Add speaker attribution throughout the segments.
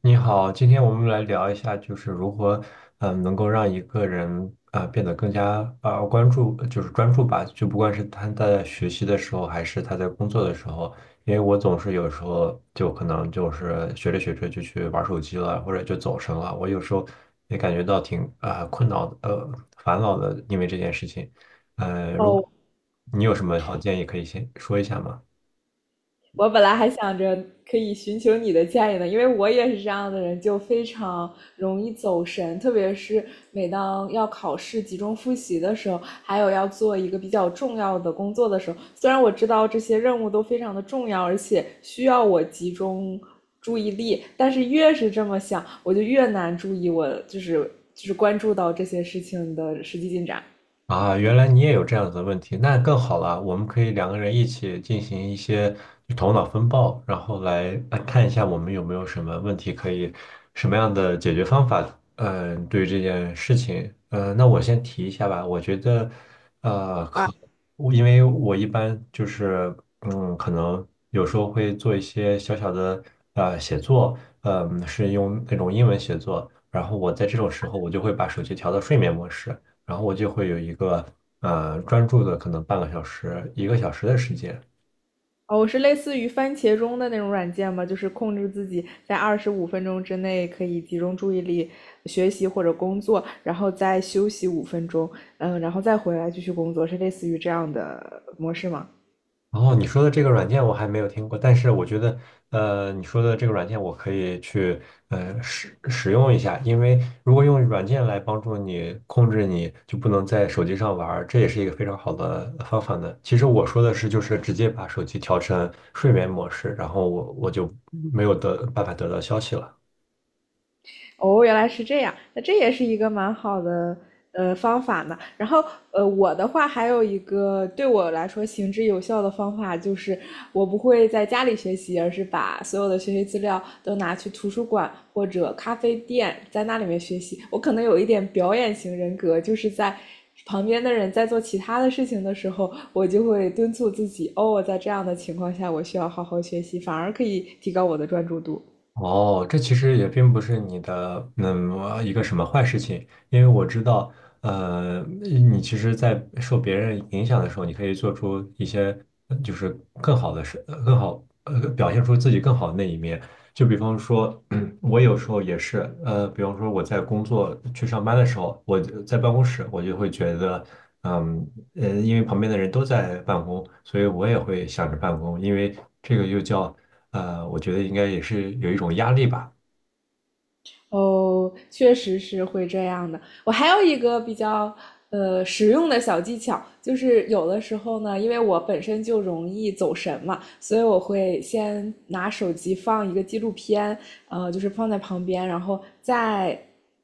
Speaker 1: 你好，今天我们来聊一下，就是如何，能够让一个人变得更加关注，就是专注吧。就不管是他在学习的时候，还是他在工作的时候，因为我总是有时候就可能就是学着学着就去玩手机了，或者就走神了。我有时候也感觉到挺困扰的，烦恼的，因为这件事情。如果
Speaker 2: 哦，
Speaker 1: 你有什么好建议可以先说一下吗？
Speaker 2: 我本来还想着可以寻求你的建议呢，因为我也是这样的人，就非常容易走神，特别是每当要考试集中复习的时候，还有要做一个比较重要的工作的时候，虽然我知道这些任务都非常的重要，而且需要我集中注意力，但是越是这么想，我就越难注意我就是关注到这些事情的实际进展。
Speaker 1: 啊，原来你也有这样子的问题，那更好了。我们可以2个人一起进行一些头脑风暴，然后来看一下我们有没有什么问题可以，什么样的解决方法。嗯、对于这件事情，那我先提一下吧。我觉得，呃，可因为我一般就是，可能有时候会做一些小小的写作，是用那种英文写作。然后我在这种时候，我就会把手机调到睡眠模式。然后我就会有一个专注的可能半个小时、1个小时的时间。
Speaker 2: 哦，我是类似于番茄钟的那种软件吗？就是控制自己在25分钟之内可以集中注意力学习或者工作，然后再休息五分钟，嗯，然后再回来继续工作，是类似于这样的模式吗？
Speaker 1: 然后你说的这个软件我还没有听过，但是我觉得你说的这个软件我可以去使用一下，因为如果用软件来帮助你控制你就不能在手机上玩儿，这也是一个非常好的方法呢。其实我说的是就是直接把手机调成睡眠模式，然后我就没有得办法得到消息了。
Speaker 2: 哦，原来是这样，那这也是一个蛮好的方法呢。然后我的话还有一个对我来说行之有效的方法，就是我不会在家里学习，而是把所有的学习资料都拿去图书馆或者咖啡店，在那里面学习。我可能有一点表演型人格，就是在旁边的人在做其他的事情的时候，我就会敦促自己，哦，在这样的情况下，我需要好好学习，反而可以提高我的专注度。
Speaker 1: 哦，这其实也并不是你的一个什么坏事情，因为我知道，你其实，在受别人影响的时候，你可以做出一些就是更好的事，呃更好呃表现出自己更好的那一面。就比方说，我有时候也是，比方说我在去上班的时候，我就在办公室，我就会觉得，嗯因为旁边的人都在办公，所以我也会想着办公，因为这个又叫。我觉得应该也是有一种压力吧。
Speaker 2: 哦，确实是会这样的。我还有一个比较实用的小技巧，就是有的时候呢，因为我本身就容易走神嘛，所以我会先拿手机放一个纪录片，就是放在旁边，然后再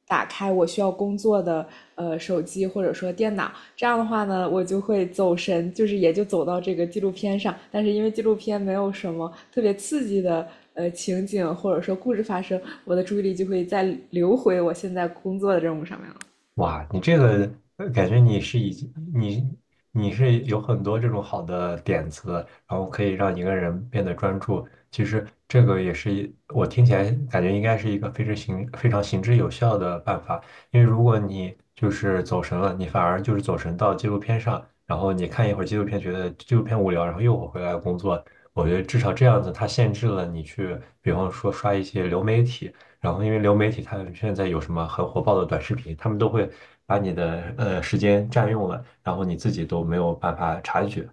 Speaker 2: 打开我需要工作的手机或者说电脑，这样的话呢，我就会走神，就是也就走到这个纪录片上。但是因为纪录片没有什么特别刺激的情景或者说故事发生，我的注意力就会再流回我现在工作的任务上面了。
Speaker 1: 哇，你这个感觉你是已经你你是有很多这种好的点子，然后可以让一个人变得专注。其实这个也是我听起来感觉应该是一个非常行之有效的办法，因为如果你就是走神了，你反而就是走神到纪录片上，然后你看一会儿纪录片，觉得纪录片无聊，然后又回来工作。我觉得至少这样子，它限制了你去，比方说刷一些流媒体。然后因为流媒体它现在有什么很火爆的短视频，他们都会把你的时间占用了，然后你自己都没有办法察觉。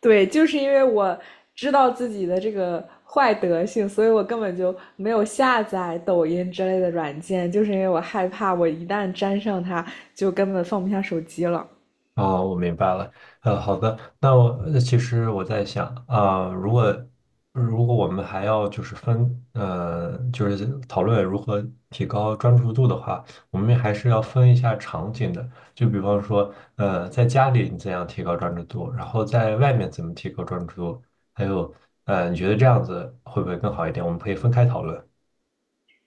Speaker 2: 对，就是因为我知道自己的这个坏德性，所以我根本就没有下载抖音之类的软件，就是因为我害怕我一旦沾上它，就根本放不下手机了。
Speaker 1: 哦，我明白了。好的，其实我在想，如果我们还要就是分，就是讨论如何提高专注度的话，我们还是要分一下场景的。就比方说，在家里你怎样提高专注度，然后在外面怎么提高专注度，还有，你觉得这样子会不会更好一点？我们可以分开讨论。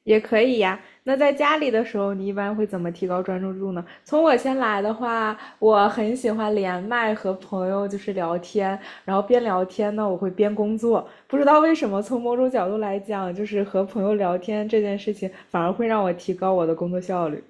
Speaker 2: 也可以呀。那在家里的时候，你一般会怎么提高专注度呢？从我先来的话，我很喜欢连麦和朋友就是聊天，然后边聊天呢，我会边工作。不知道为什么，从某种角度来讲，就是和朋友聊天这件事情，反而会让我提高我的工作效率。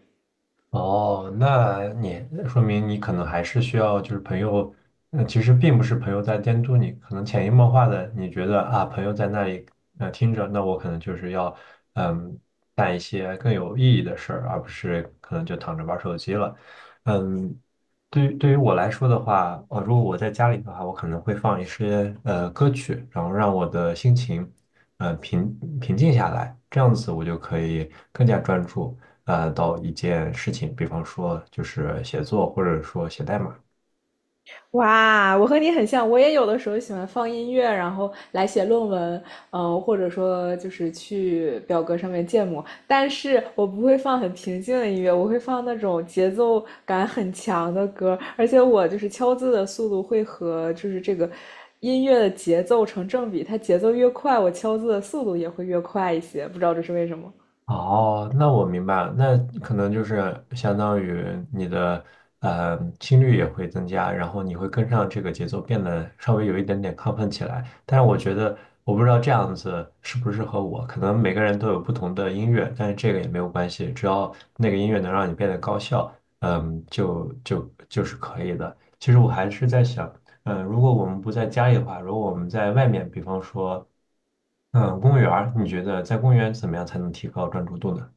Speaker 1: 哦，那你说明你可能还是需要，就是朋友，其实并不是朋友在监督你，可能潜移默化的，你觉得啊，朋友在那里听着，那我可能就是要嗯干一些更有意义的事儿，而不是可能就躺着玩手机了。嗯，对于对于我来说的话，如果我在家里的话，我可能会放一些歌曲，然后让我的心情平静下来，这样子我就可以更加专注。到一件事情，比方说就是写作或者说写代码。
Speaker 2: 哇，我和你很像，我也有的时候喜欢放音乐，然后来写论文，嗯，或者说就是去表格上面建模，但是我不会放很平静的音乐，我会放那种节奏感很强的歌，而且我就是敲字的速度会和就是这个音乐的节奏成正比，它节奏越快，我敲字的速度也会越快一些，不知道这是为什么。
Speaker 1: 哦，那我明白了，那可能就是相当于你的心率也会增加，然后你会跟上这个节奏，变得稍微有一点点亢奋起来。但是我觉得，我不知道这样子适不适合我，可能每个人都有不同的音乐，但是这个也没有关系，只要那个音乐能让你变得高效，就是可以的。其实我还是在想，如果我们不在家里的话，如果我们在外面，比方说，公园儿你觉得在公园怎么样才能提高专注度呢？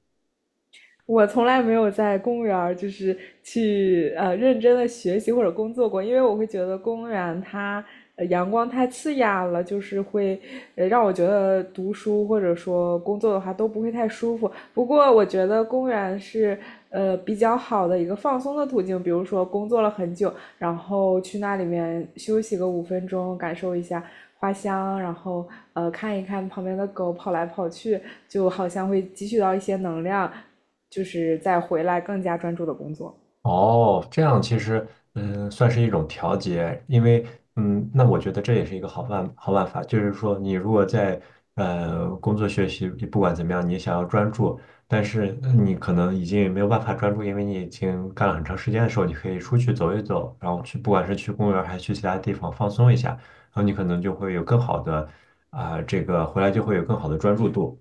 Speaker 2: 我从来没有在公园儿就是去认真的学习或者工作过，因为我会觉得公园它阳光太刺眼了，就是会让我觉得读书或者说工作的话都不会太舒服。不过我觉得公园是比较好的一个放松的途径，比如说工作了很久，然后去那里面休息个五分钟，感受一下花香，然后看一看旁边的狗跑来跑去，就好像会汲取到一些能量，就是再回来更加专注的工作。
Speaker 1: 哦，这样其实算是一种调节，因为那我觉得这也是一个好办法，就是说你如果在工作学习，不管怎么样，你想要专注，但是你可能已经没有办法专注，因为你已经干了很长时间的时候，你可以出去走一走，然后去不管是去公园儿还是去其他地方放松一下，然后你可能就会有更好的回来就会有更好的专注度。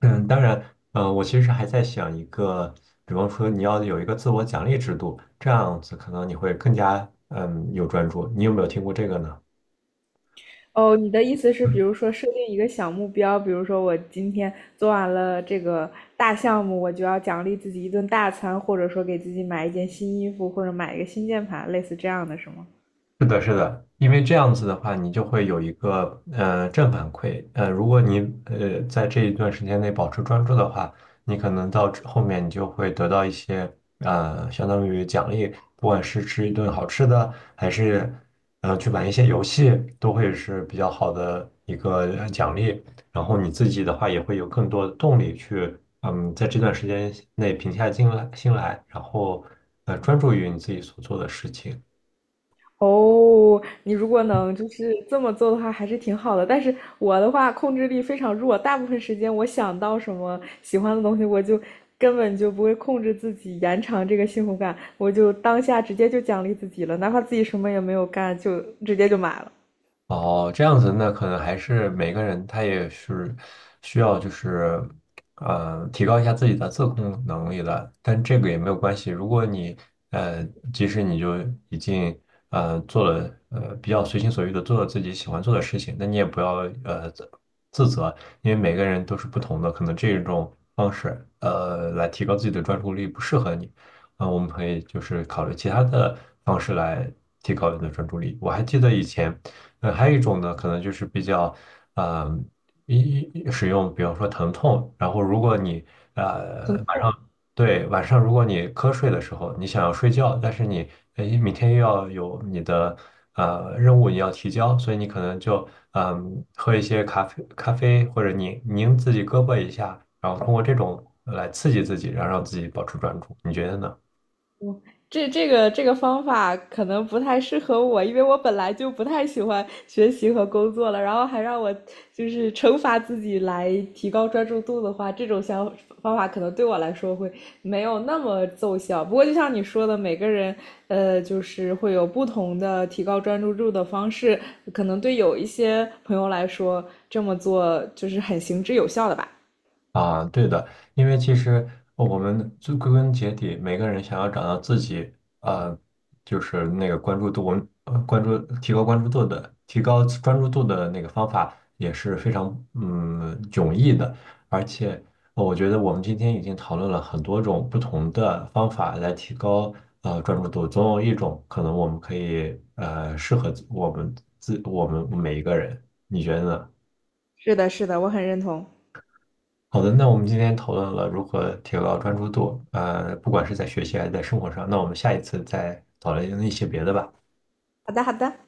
Speaker 1: 当然，我其实还在想一个，比方说你要有一个自我奖励制度，这样子可能你会更加有专注。你有没有听过这个呢？
Speaker 2: 哦，你的意思是，比如说设定一个小目标，比如说我今天做完了这个大项目，我就要奖励自己一顿大餐，或者说给自己买一件新衣服，或者买一个新键盘，类似这样的是吗？
Speaker 1: 是的，是的，因为这样子的话，你就会有一个正反馈。如果你在这一段时间内保持专注的话，你可能到之后面你就会得到一些相当于奖励，不管是吃一顿好吃的，还是去玩一些游戏，都会是比较好的一个奖励。然后你自己的话也会有更多的动力去在这段时间内平下心来，然后专注于你自己所做的事情。
Speaker 2: 哦，你如果能就是这么做的话，还是挺好的。但是我的话，控制力非常弱，大部分时间我想到什么喜欢的东西，我就根本就不会控制自己延长这个幸福感，我就当下直接就奖励自己了，哪怕自己什么也没有干，就直接就买了。
Speaker 1: 哦，这样子，那可能还是每个人他也是需要，就是，提高一下自己的自控能力的。但这个也没有关系，如果你，呃，即使你就已经，做了，比较随心所欲的做了自己喜欢做的事情，那你也不要，呃，自自责，因为每个人都是不同的，可能这种方式，来提高自己的专注力不适合你。我们可以就是考虑其他的方式来提高你的专注力。我还记得以前，还有一种呢，可能就是比较，嗯，一一使用，比方说疼痛，然后如果你呃晚上对晚上如果你瞌睡的时候，你想要睡觉，但是你明天又要有你的任务你要提交，所以你可能就喝一些咖啡或者拧拧自己胳膊一下，然后通过这种来刺激自己，然后让自己保持专注，你觉得呢？
Speaker 2: 这个方法可能不太适合我，因为我本来就不太喜欢学习和工作了，然后还让我就是惩罚自己来提高专注度的话，这种想方法可能对我来说会没有那么奏效。不过就像你说的，每个人就是会有不同的提高专注度的方式，可能对有一些朋友来说这么做就是很行之有效的吧。
Speaker 1: 啊，对的，因为其实我们最归根结底，每个人想要找到自己，呃，就是那个关注度，我们呃关注提高关注度的，提高专注度的那个方法也是非常迥异的，而且我觉得我们今天已经讨论了很多种不同的方法来提高专注度，总有一种可能我们可以呃适合自我们自我们每一个人，你觉得呢？
Speaker 2: 是的，是的，我很认同。
Speaker 1: 好的，那我们今天讨论了如何提高专注度，不管是在学习还是在生活上，那我们下一次再讨论一些别的吧。
Speaker 2: 好的，好的。